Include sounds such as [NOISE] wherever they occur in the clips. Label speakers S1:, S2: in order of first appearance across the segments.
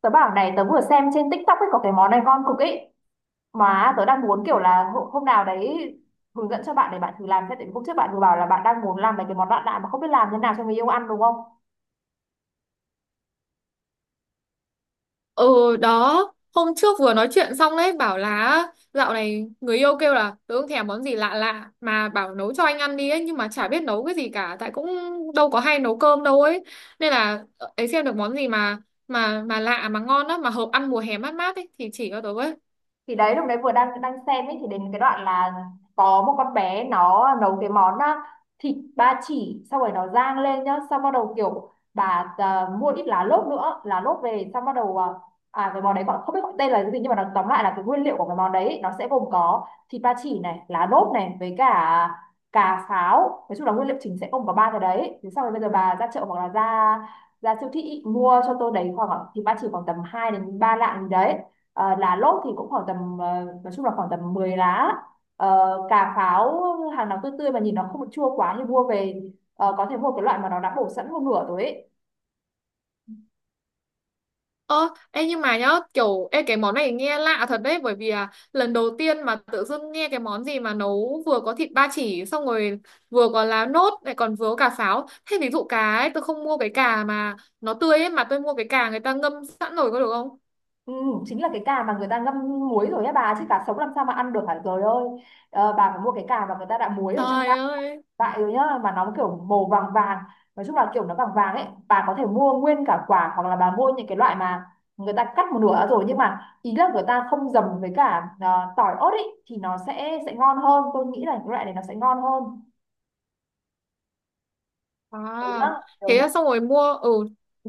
S1: Tớ bảo này, tớ vừa xem trên TikTok ấy, có cái món này ngon cực ấy, mà tớ đang muốn kiểu là hôm nào đấy hướng dẫn cho bạn để bạn thử làm. Thế tại vì hôm trước bạn vừa bảo là bạn đang muốn làm mấy cái món lạ lạ mà không biết làm thế nào cho người yêu ăn, đúng không?
S2: Ừ đó. Hôm trước vừa nói chuyện xong đấy. Bảo là dạo này người yêu kêu là tớ không thèm món gì lạ lạ, mà bảo nấu cho anh ăn đi ấy. Nhưng mà chả biết nấu cái gì cả, tại cũng đâu có hay nấu cơm đâu ấy. Nên là ấy xem được món gì mà mà lạ mà ngon á, mà hợp ăn mùa hè mát mát ấy thì chỉ cho tớ với.
S1: Thì đấy, lúc đấy vừa đang đang xem ấy, thì đến cái đoạn là có một con bé nó nấu cái món, thịt ba chỉ xong rồi nó rang lên nhá. Xong bắt đầu kiểu bà, mua ít lá lốt nữa, lá lốt về xong bắt đầu, cái món đấy gọi, không biết gọi tên là cái gì, nhưng mà nó tóm lại là cái nguyên liệu của cái món đấy nó sẽ gồm có thịt ba chỉ này, lá lốt này, với cả cà pháo. Nói chung là nguyên liệu chính sẽ gồm có ba cái đấy. Thế xong rồi bây giờ bà ra chợ hoặc là ra ra siêu thị mua cho tôi đấy khoảng thịt ba chỉ khoảng tầm 2 đến 3 lạng gì đấy. Lá lốt thì cũng khoảng tầm, nói chung là khoảng tầm 10 lá. Cà pháo, hàng nào tươi tươi mà nhìn nó không chua quá thì mua về. Có thể mua cái loại mà nó đã bổ sẵn một nửa rồi ấy.
S2: Ơ, ê nhưng mà nhá, kiểu ê cái món này nghe lạ thật đấy, bởi vì lần đầu tiên mà tự dưng nghe cái món gì mà nấu vừa có thịt ba chỉ xong rồi vừa có lá nốt lại còn vừa có cả pháo. Thế ví dụ cá ấy, tôi không mua cái cà mà nó tươi ấy, mà tôi mua cái cà người ta ngâm sẵn rồi có được không?
S1: Ừ, chính là cái cà mà người ta ngâm muối rồi á bà, chứ cá sống làm sao mà ăn được, hả trời ơi. Bà phải mua cái cà mà người ta đã muối ở trong
S2: Trời
S1: vại,
S2: ơi.
S1: rồi nhá, mà nó kiểu màu vàng vàng. Nói chung là kiểu nó vàng vàng ấy, bà có thể mua nguyên cả quả hoặc là bà mua những cái loại mà người ta cắt một nửa rồi, nhưng mà ý là người ta không dầm với cả, tỏi ớt ấy, thì nó sẽ ngon hơn. Tôi nghĩ là cái loại này nó sẽ ngon hơn, đúng
S2: À,
S1: không?
S2: thế là xong rồi mua ừ,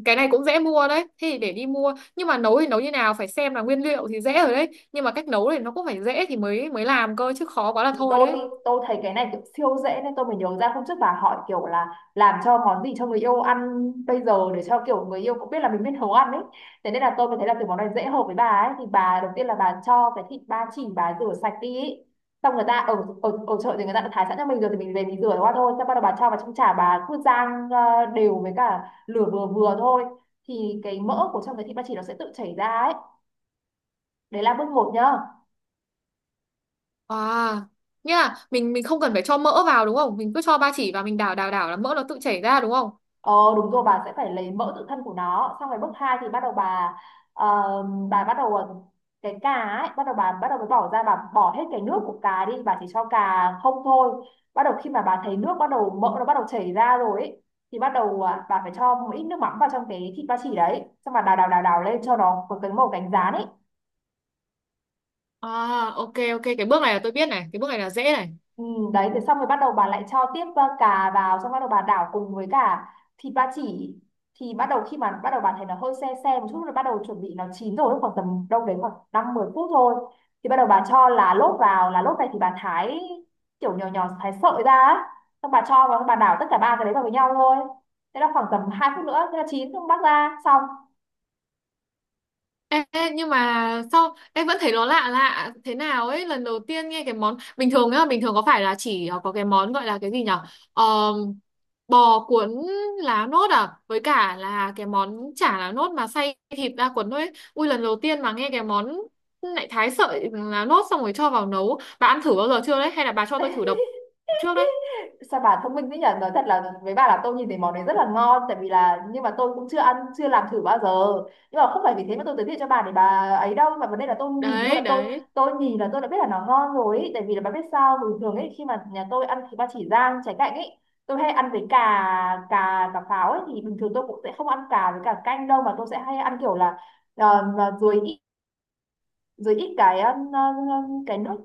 S2: cái này cũng dễ mua đấy. Thế thì để đi mua. Nhưng mà nấu thì nấu như nào, phải xem là nguyên liệu thì dễ rồi đấy, nhưng mà cách nấu thì nó cũng phải dễ thì mới mới làm cơ, chứ khó quá là
S1: Thì
S2: thôi
S1: tôi
S2: đấy.
S1: tôi thấy cái này kiểu siêu dễ, nên tôi mới nhớ ra hôm trước bà hỏi kiểu là làm cho món gì cho người yêu ăn bây giờ để cho kiểu người yêu cũng biết là mình biết nấu ăn ấy. Thế nên là tôi mới thấy là kiểu món này dễ, hợp với bà ấy. Thì bà đầu tiên là bà cho cái thịt ba chỉ, bà rửa sạch đi ấy. Xong người ta ở, ở ở chợ thì người ta đã thái sẵn cho mình rồi thì mình về mình rửa qua thôi. Xong bắt đầu bà cho vào trong chả, bà cứ rang đều với cả lửa vừa vừa thôi, thì cái mỡ của trong cái thịt ba chỉ nó sẽ tự chảy ra ấy. Đấy là bước một nhá.
S2: À, nghĩa là mình không cần phải cho mỡ vào đúng không? Mình cứ cho ba chỉ và mình đảo đảo đảo là mỡ nó tự chảy ra đúng không?
S1: Ờ đúng rồi, bà sẽ phải lấy mẫu tự thân của nó. Xong rồi bước 2 thì bắt đầu bà, ờ, bà bắt đầu ờ, cái cà ấy, bắt đầu bà bắt đầu mới bỏ ra, bà bỏ hết cái nước của cà đi, bà chỉ cho cà không thôi. Bắt đầu khi mà bà thấy nước bắt đầu, mỡ nó bắt đầu chảy ra rồi ấy, thì bắt đầu, bà phải cho một ít nước mắm vào trong cái thịt ba chỉ đấy. Xong bà đào đào đào đào lên cho nó có cái màu cánh gián ấy.
S2: À, ok ok, cái bước này là tôi biết này, cái bước này là dễ này.
S1: Ừ, đấy, thế xong rồi bắt đầu bà lại cho tiếp, cà vào. Xong bắt đầu bà đảo cùng với cả thịt ba chỉ, thì bắt đầu khi mà bắt đầu bà thấy nó hơi se se một chút rồi, bắt đầu chuẩn bị nó chín rồi, khoảng tầm đâu đấy khoảng năm mười phút thôi, thì bắt đầu bà cho lá lốt vào. Lá lốt này thì bà thái kiểu nhỏ nhỏ, thái sợi ra á. Xong bà cho vào, bà đảo tất cả ba cái đấy vào với nhau thôi. Thế là khoảng tầm 2 phút nữa thế là chín. Xong bắt ra xong.
S2: Ê, ê, nhưng mà sao em vẫn thấy nó lạ lạ thế nào ấy, lần đầu tiên nghe cái món bình thường nhá, bình thường có phải là chỉ có cái món gọi là cái gì nhở. Ờ, bò cuốn lá nốt à, với cả là cái món chả lá nốt mà xay thịt ra cuốn thôi ấy. Ui, lần đầu tiên mà nghe cái món lại thái sợi lá nốt xong rồi cho vào nấu. Bà ăn thử bao giờ chưa đấy, hay là bà cho tôi thử độc trước đấy?
S1: Sao bà thông minh thế nhỉ? Nói thật là với bà là tôi nhìn thấy món đấy rất là ngon. Tại vì là, nhưng mà tôi cũng chưa ăn, chưa làm thử bao giờ, nhưng mà không phải vì thế mà tôi giới thiệu cho bà để bà ấy đâu, mà vấn đề là tôi nhìn, tôi
S2: Đấy
S1: là
S2: đấy.
S1: tôi nhìn là tôi đã biết là nó ngon rồi ý. Tại vì là bà biết sao, bình thường ấy khi mà nhà tôi ăn thịt ba chỉ rang trái cạnh ấy, tôi hay ăn với cà, cà pháo ấy, thì bình thường tôi cũng sẽ không ăn cà với cả canh đâu, mà tôi sẽ hay ăn kiểu là, mà rồi, ít cái, cái nước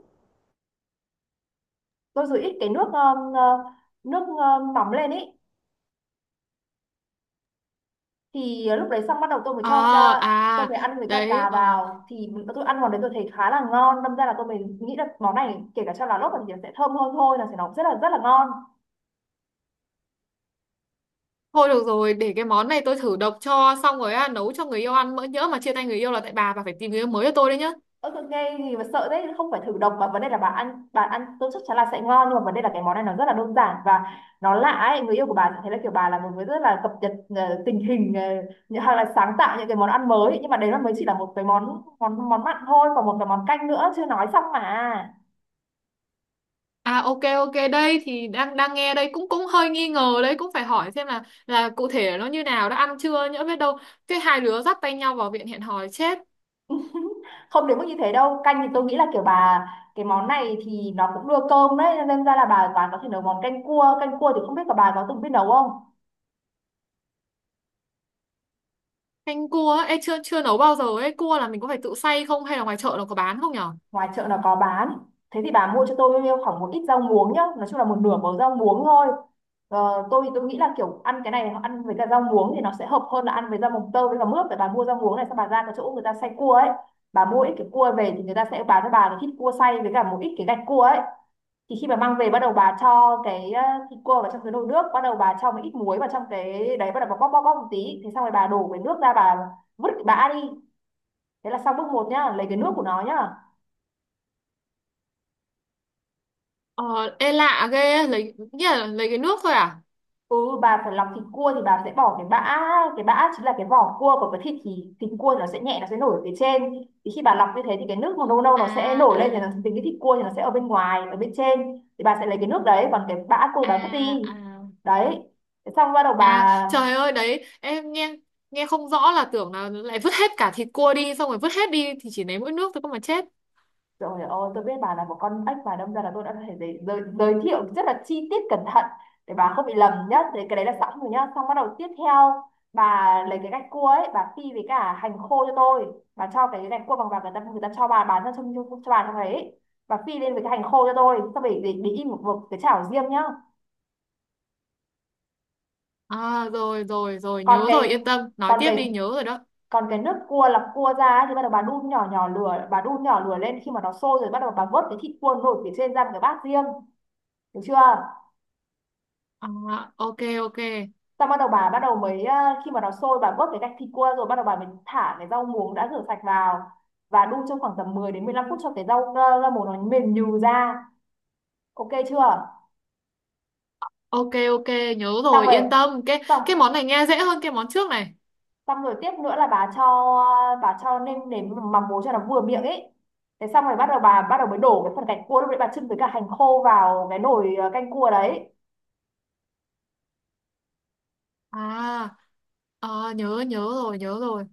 S1: tôi, rồi ít cái nước, nước, nóng lên ý, thì lúc đấy xong bắt đầu tôi mới cho ca,
S2: À
S1: tôi
S2: à.
S1: mới ăn với cả
S2: Đấy
S1: cà
S2: ờ.
S1: vào. Thì tôi ăn vào đấy, tôi thấy khá là ngon. Đâm ra là tôi mới nghĩ là món này kể cả cho lá lốt thì nó sẽ thơm hơn thôi, là sẽ nó rất là ngon.
S2: Thôi được rồi, để cái món này tôi thử độc cho xong rồi nấu cho người yêu ăn, mỡ nhỡ mà chia tay người yêu là tại bà phải tìm người yêu mới cho tôi đấy nhá.
S1: Ơ tôi nghe gì mà sợ đấy, không phải thử độc, mà vấn đề là bà ăn, tôi chắc chắn là sẽ ngon. Nhưng mà vấn đề là cái món này nó rất là đơn giản và nó lạ ấy, người yêu của bà sẽ thấy là kiểu bà là một người rất là cập nhật, tình hình, hay là sáng tạo những cái món ăn mới. Nhưng mà đấy nó mới chỉ là một cái món món món mặn thôi, còn một cái món canh nữa chưa nói xong mà.
S2: À, ok ok, đây thì đang đang nghe đây, cũng cũng hơi nghi ngờ đấy, cũng phải hỏi xem là cụ thể nó như nào, đã ăn chưa nhỡ biết đâu cái hai đứa dắt tay nhau vào viện hẹn hò chết.
S1: [LAUGHS] Không đến mức như thế đâu. Canh thì tôi nghĩ là kiểu bà, cái món này thì nó cũng đưa cơm đấy, nên ra là bà có thể nấu món canh cua. Canh cua thì không biết là bà có từng biết nấu không?
S2: Canh cua ấy ê, chưa chưa nấu bao giờ ấy, cua là mình có phải tự xay không hay là ngoài chợ nó có bán không nhở?
S1: Ngoài chợ nó có bán. Thế thì bà mua cho tôi khoảng một ít rau muống nhá, nói chung là một nửa bầu rau muống thôi. Tôi nghĩ là kiểu ăn cái này ăn với cả rau muống thì nó sẽ hợp hơn là ăn với rau mồng tơi với cả mướp. Để bà mua rau muống này, xong bà ra cái chỗ người ta xay cua ấy, bà mua ít cái cua về thì người ta sẽ bán cho bà một ít cua xay với cả một ít cái gạch cua ấy. Thì khi mà mang về, bắt đầu bà cho cái, thịt cua vào trong cái nồi nước. Bắt đầu bà cho một ít muối vào trong cái đấy, bắt đầu bà bóp bóp bóp một tí. Thế xong rồi bà đổ cái nước ra, bà vứt cái bã đi. Thế là xong bước một nhá, lấy cái nước của nó nhá.
S2: Ờ. Ê lạ ghê, lấy nghĩa là lấy cái nước thôi À
S1: Ừ, bà phải lọc thịt cua thì bà sẽ bỏ cái bã. Cái bã chính là cái vỏ cua của cái thịt. Thì thịt cua nó sẽ nhẹ, nó sẽ nổi ở phía trên. Thì khi bà lọc như thế thì cái nước màu nâu nâu nó sẽ nổi lên, thì nó
S2: à
S1: tính cái thịt cua thì nó sẽ ở bên ngoài, ở bên trên, thì bà sẽ lấy cái nước đấy, còn cái bã cua
S2: à.
S1: bà vứt đi.
S2: À à.
S1: Đấy. Thế xong bắt đầu
S2: À
S1: bà,
S2: trời ơi, đấy em nghe nghe không rõ là tưởng là lại vứt hết cả thịt cua đi, xong rồi vứt hết đi thì chỉ lấy mỗi nước thôi cơ mà chết.
S1: rồi, ơi, tôi biết bà là một con ếch mà, đâm ra là tôi đã có thể giới thiệu rất là chi tiết cẩn thận để bà không bị lầm nhá. Thế cái đấy là sẵn rồi nhá. Xong bắt đầu tiếp theo, bà lấy cái gạch cua ấy, bà phi với cả hành khô cho tôi. Bà cho cái gạch cua bằng vàng người ta cho bà bán ra trong cho bà trong đấy. Bà phi lên với cái hành khô cho tôi, xong rồi để in một cái chảo riêng nhá.
S2: À rồi rồi rồi,
S1: Còn
S2: nhớ rồi,
S1: cái
S2: yên tâm, nói
S1: còn
S2: tiếp
S1: cái
S2: đi, nhớ rồi đó.
S1: Còn cái nước cua lọc cua ra ấy, thì bắt đầu bà đun nhỏ nhỏ lửa, bà đun nhỏ lửa lên, khi mà nó sôi rồi bắt đầu bà vớt cái thịt cua nổi phía trên ra một cái bát riêng, được chưa?
S2: À, ok ok.
S1: Xong bắt đầu bà bắt đầu mới, khi mà nó sôi bà vớt cái gạch thịt qua, rồi bắt đầu bà mới thả cái rau muống đã rửa sạch vào và đun trong khoảng tầm 10 đến 15 phút cho cái rau, rau muống nó mềm nhừ ra. Ok chưa?
S2: Ok ok, nhớ
S1: Xong
S2: rồi
S1: rồi.
S2: yên tâm,
S1: Xong
S2: cái món này nghe dễ hơn cái món trước này.
S1: xong rồi tiếp nữa là bà cho, nêm nếm mắm muối cho nó vừa miệng ấy. Thế xong rồi bắt đầu bà bắt đầu mới đổ cái phần gạch cua lúc đấy bà chưng với cả hành khô vào cái nồi canh cua đấy.
S2: À, à nhớ nhớ rồi, nhớ rồi.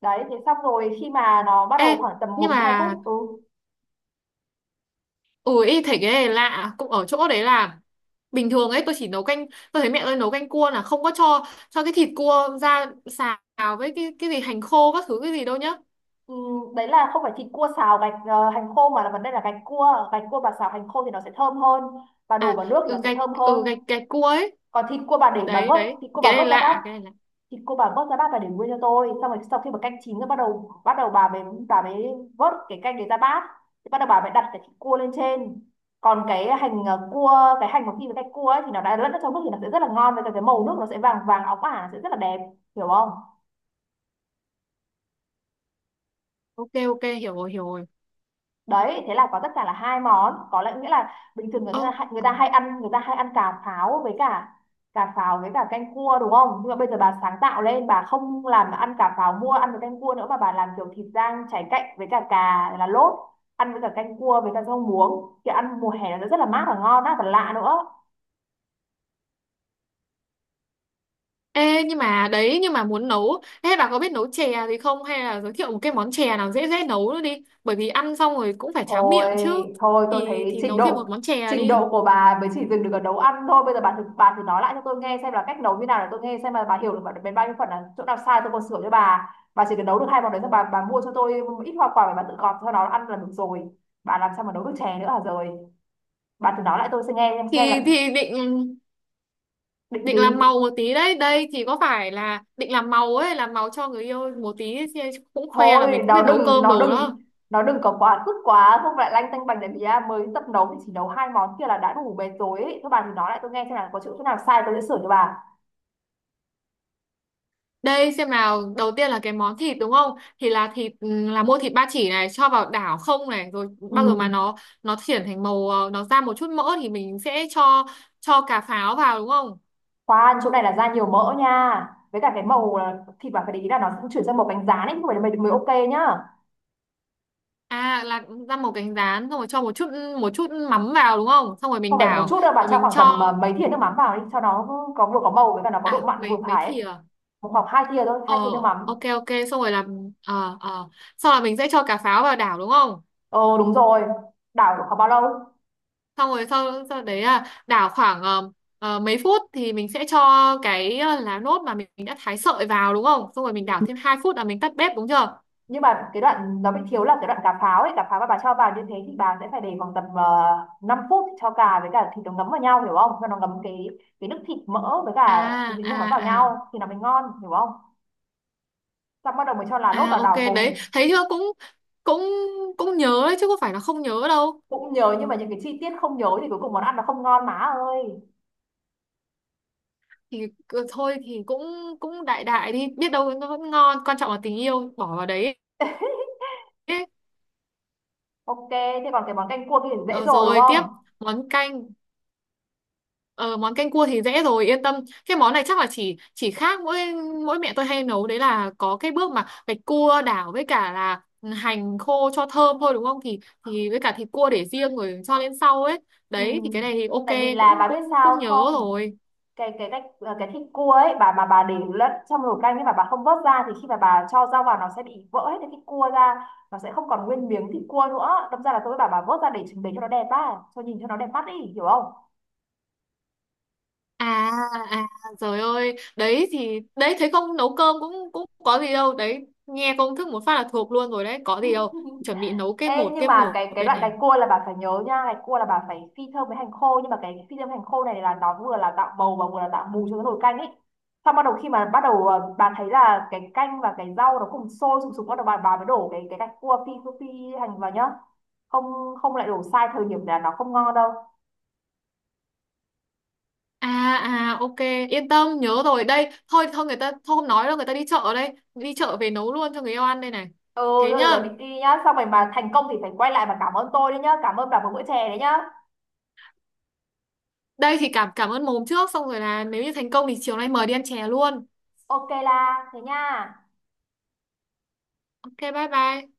S1: Đấy thế xong rồi khi mà nó bắt
S2: Ê
S1: đầu khoảng tầm
S2: nhưng
S1: một
S2: mà
S1: 2 phút
S2: ui, thấy cái này lạ cũng ở chỗ đấy là bình thường ấy tôi chỉ nấu canh, tôi thấy mẹ tôi nấu canh cua là không có cho cái thịt cua ra xào với cái gì hành khô các thứ cái gì đâu nhá.
S1: Ừ, đấy là không phải thịt cua xào gạch hành khô, mà là vấn đề là gạch cua, gạch cua bà xào hành khô thì nó sẽ thơm hơn, bà đổ
S2: À
S1: vào nước thì nó
S2: ừ,
S1: sẽ
S2: gạch.
S1: thơm hơn.
S2: Ừ, gạch gạch cua ấy.
S1: Còn thịt cua bà để, bà
S2: Đấy
S1: vớt
S2: đấy,
S1: thịt cua, bà
S2: cái này
S1: vớt ra bát,
S2: lạ, cái này lạ.
S1: thịt cua bà vớt ra bát và để nguyên cho tôi. Xong rồi sau khi mà canh chín rồi bắt đầu bà mới vớt cái canh đấy ra bát, thì bắt đầu bà mới đặt cái thịt cua lên trên. Còn cái hành cua, cái hành mà khi với gạch cua ấy thì nó đã lẫn ở trong nước thì nó sẽ rất là ngon, với cả cái màu nước nó sẽ vàng vàng óng ả, sẽ rất là đẹp, hiểu không?
S2: Ok ok, hiểu rồi hiểu rồi.
S1: Đấy, thế là có tất cả là hai món. Có lẽ nghĩa là bình thường người
S2: Ơ,
S1: ta, người ta hay ăn, người ta hay ăn cà pháo với cả cà pháo với cả canh cua, đúng không? Nhưng mà bây giờ bà sáng tạo lên, bà không làm ăn cà pháo mua ăn với canh cua nữa, mà bà làm kiểu thịt rang cháy cạnh với cả cà là lốt, ăn với cả canh cua với cả rau muống thì ăn mùa hè nó rất là mát và ngon, rất là lạ nữa.
S2: ê nhưng mà đấy, nhưng mà muốn nấu, ê bà có biết nấu chè gì không, hay là giới thiệu một cái món chè nào dễ dễ nấu nữa đi, bởi vì ăn xong rồi cũng phải tráng
S1: Thôi
S2: miệng chứ.
S1: thôi, tôi
S2: thì
S1: thấy
S2: thì
S1: trình
S2: nấu thêm
S1: độ,
S2: một món chè
S1: trình
S2: đi.
S1: độ của bà mới chỉ dừng được ở nấu ăn thôi. Bây giờ bà thử, bà thử nói lại cho tôi nghe xem là cách nấu như nào, để tôi nghe xem là bà hiểu được đến bao nhiêu phần, là chỗ nào sai tôi còn sửa cho bà. Bà chỉ cần nấu được hai món đấy, xong bà mua cho tôi ít hoa quả để bà tự gọt cho nó ăn là được rồi, bà làm sao mà nấu được chè nữa hả? Rồi, bà thử nói lại tôi sẽ nghe xem là
S2: Thì thì định.
S1: định
S2: Định
S1: gì.
S2: làm màu một tí đấy, đây thì có phải là định làm màu ấy, làm màu cho người yêu một tí ấy, xem cũng khoe là
S1: Thôi,
S2: mình cũng
S1: nó
S2: biết nấu
S1: đừng,
S2: cơm
S1: nó
S2: đồ
S1: đừng,
S2: đó.
S1: nó đừng có quá sức quá, không lại lanh tanh bành, để bía mới tập nấu thì chỉ nấu hai món kia là đã đủ mệt rồi ấy. Thôi bà thử nói lại tôi nghe xem là có chỗ, nào sai tôi sẽ sửa cho bà.
S2: Đây xem nào, đầu tiên là cái món thịt đúng không, thì là thịt ừ, là mua thịt ba chỉ này cho vào đảo không này rồi
S1: Ừ.
S2: bao giờ mà nó chuyển thành màu nó ra một chút mỡ thì mình sẽ cho cà pháo vào đúng không?
S1: Khoan, chỗ này là ra nhiều mỡ nha, với cả cái màu là thịt bạn phải để ý là nó cũng chuyển sang màu cánh gián ấy, không phải là mới, mới ok nhá.
S2: À là ra một cánh rán xong rồi cho một chút mắm vào đúng không, xong rồi
S1: Không
S2: mình
S1: phải một
S2: đảo
S1: chút đâu, bạn
S2: rồi
S1: cho
S2: mình
S1: khoảng tầm
S2: cho.
S1: mấy thìa nước mắm vào đi, cho nó có vừa, có màu với cả nó có độ
S2: À
S1: mặn vừa
S2: mấy mấy
S1: phải ấy.
S2: thìa.
S1: Một khoảng hai thìa thôi,
S2: Ờ,
S1: hai thìa nước mắm.
S2: ok ok, xong rồi làm xong là mình sẽ cho cà pháo vào đảo đúng không?
S1: Ờ đúng rồi, đảo được khoảng bao lâu?
S2: Xong rồi sau sau đấy là đảo khoảng mấy phút thì mình sẽ cho cái lá nốt mà mình đã thái sợi vào đúng không, xong rồi mình đảo thêm 2 phút là mình tắt bếp đúng chưa?
S1: Nhưng mà cái đoạn nó bị thiếu là cái đoạn cà pháo ấy, cà pháo mà bà cho vào như thế thì bà sẽ phải để khoảng tầm 5 phút cho cà với cả thịt nó ngấm vào nhau, hiểu không? Cho nó ngấm cái nước thịt mỡ với
S2: À
S1: cả cái nước
S2: à
S1: mắm vào
S2: à.
S1: nhau thì nó mới ngon, hiểu không? Xong bắt đầu mình cho lá lốt
S2: À
S1: vào
S2: ok,
S1: đảo
S2: đấy
S1: cùng.
S2: thấy chưa, cũng cũng cũng nhớ đấy chứ có phải là không nhớ đâu.
S1: Cũng nhớ, nhưng mà những cái chi tiết không nhớ thì cuối cùng món ăn nó không ngon má ơi.
S2: thì Thôi thì cũng cũng đại đại đi, biết đâu nó vẫn ngon, quan trọng là tình yêu bỏ vào đấy ấy.
S1: Ok, thế còn cái món canh cua kia thì dễ
S2: Ờ,
S1: rồi đúng
S2: rồi
S1: không?
S2: tiếp món canh. Ờ, món canh cua thì dễ rồi yên tâm. Cái món này chắc là chỉ khác mỗi mỗi mẹ tôi hay nấu đấy là có cái bước mà gạch cua đảo với cả là hành khô cho thơm thôi đúng không, thì với cả thịt cua để riêng rồi cho lên sau ấy.
S1: Ừ.
S2: Đấy thì cái này thì ok.
S1: Tại vì
S2: Cũng
S1: là bà biết
S2: cũng
S1: sao
S2: cũng nhớ
S1: không,
S2: rồi.
S1: cái cách, cái thịt cua ấy, bà để lẫn trong nồi canh ấy mà bà không vớt ra thì khi mà bà cho rau vào nó sẽ bị vỡ hết cái thịt cua ra, nó sẽ không còn nguyên miếng thịt cua nữa, đâm ra là tôi với bà vớt ra để cho nó đẹp á, cho nhìn cho nó đẹp mắt đi, hiểu không?
S2: À à trời ơi, đấy thì đấy thấy không, nấu cơm cũng cũng có gì đâu, đấy nghe công thức một phát là thuộc luôn rồi đấy, có gì đâu. Chuẩn bị nấu
S1: Ê, nhưng
S2: cái
S1: mà
S2: một
S1: cái
S2: đây
S1: đoạn gạch
S2: này.
S1: cua là bà phải nhớ nha, gạch cua là bà phải phi thơm với hành khô, nhưng mà cái phi thơm hành khô này là nó vừa là tạo màu và vừa là tạo mùi cho cái nồi canh ấy. Xong bắt đầu khi mà bắt đầu bà thấy là cái canh và cái rau nó cùng sôi sùng sục, bắt đầu bà mới đổ cái gạch cua phi, phi hành vào nhá, không không lại đổ sai thời điểm là nó không ngon đâu.
S2: À à ok, yên tâm nhớ rồi. Đây thôi thôi, người ta thôi không nói đâu, người ta đi chợ đây, đi chợ về nấu luôn cho người yêu ăn đây này.
S1: Ừ
S2: Thế
S1: thôi rồi, rồi đi,
S2: nhá.
S1: đi nhá, xong rồi mà thành công thì phải quay lại và cảm ơn tôi đấy nhá, cảm ơn bà một bữa chè đấy nhá.
S2: Đây thì cảm cảm ơn mồm trước, xong rồi là nếu như thành công thì chiều nay mời đi ăn chè luôn.
S1: Ok là thế nha.
S2: Ok bye bye.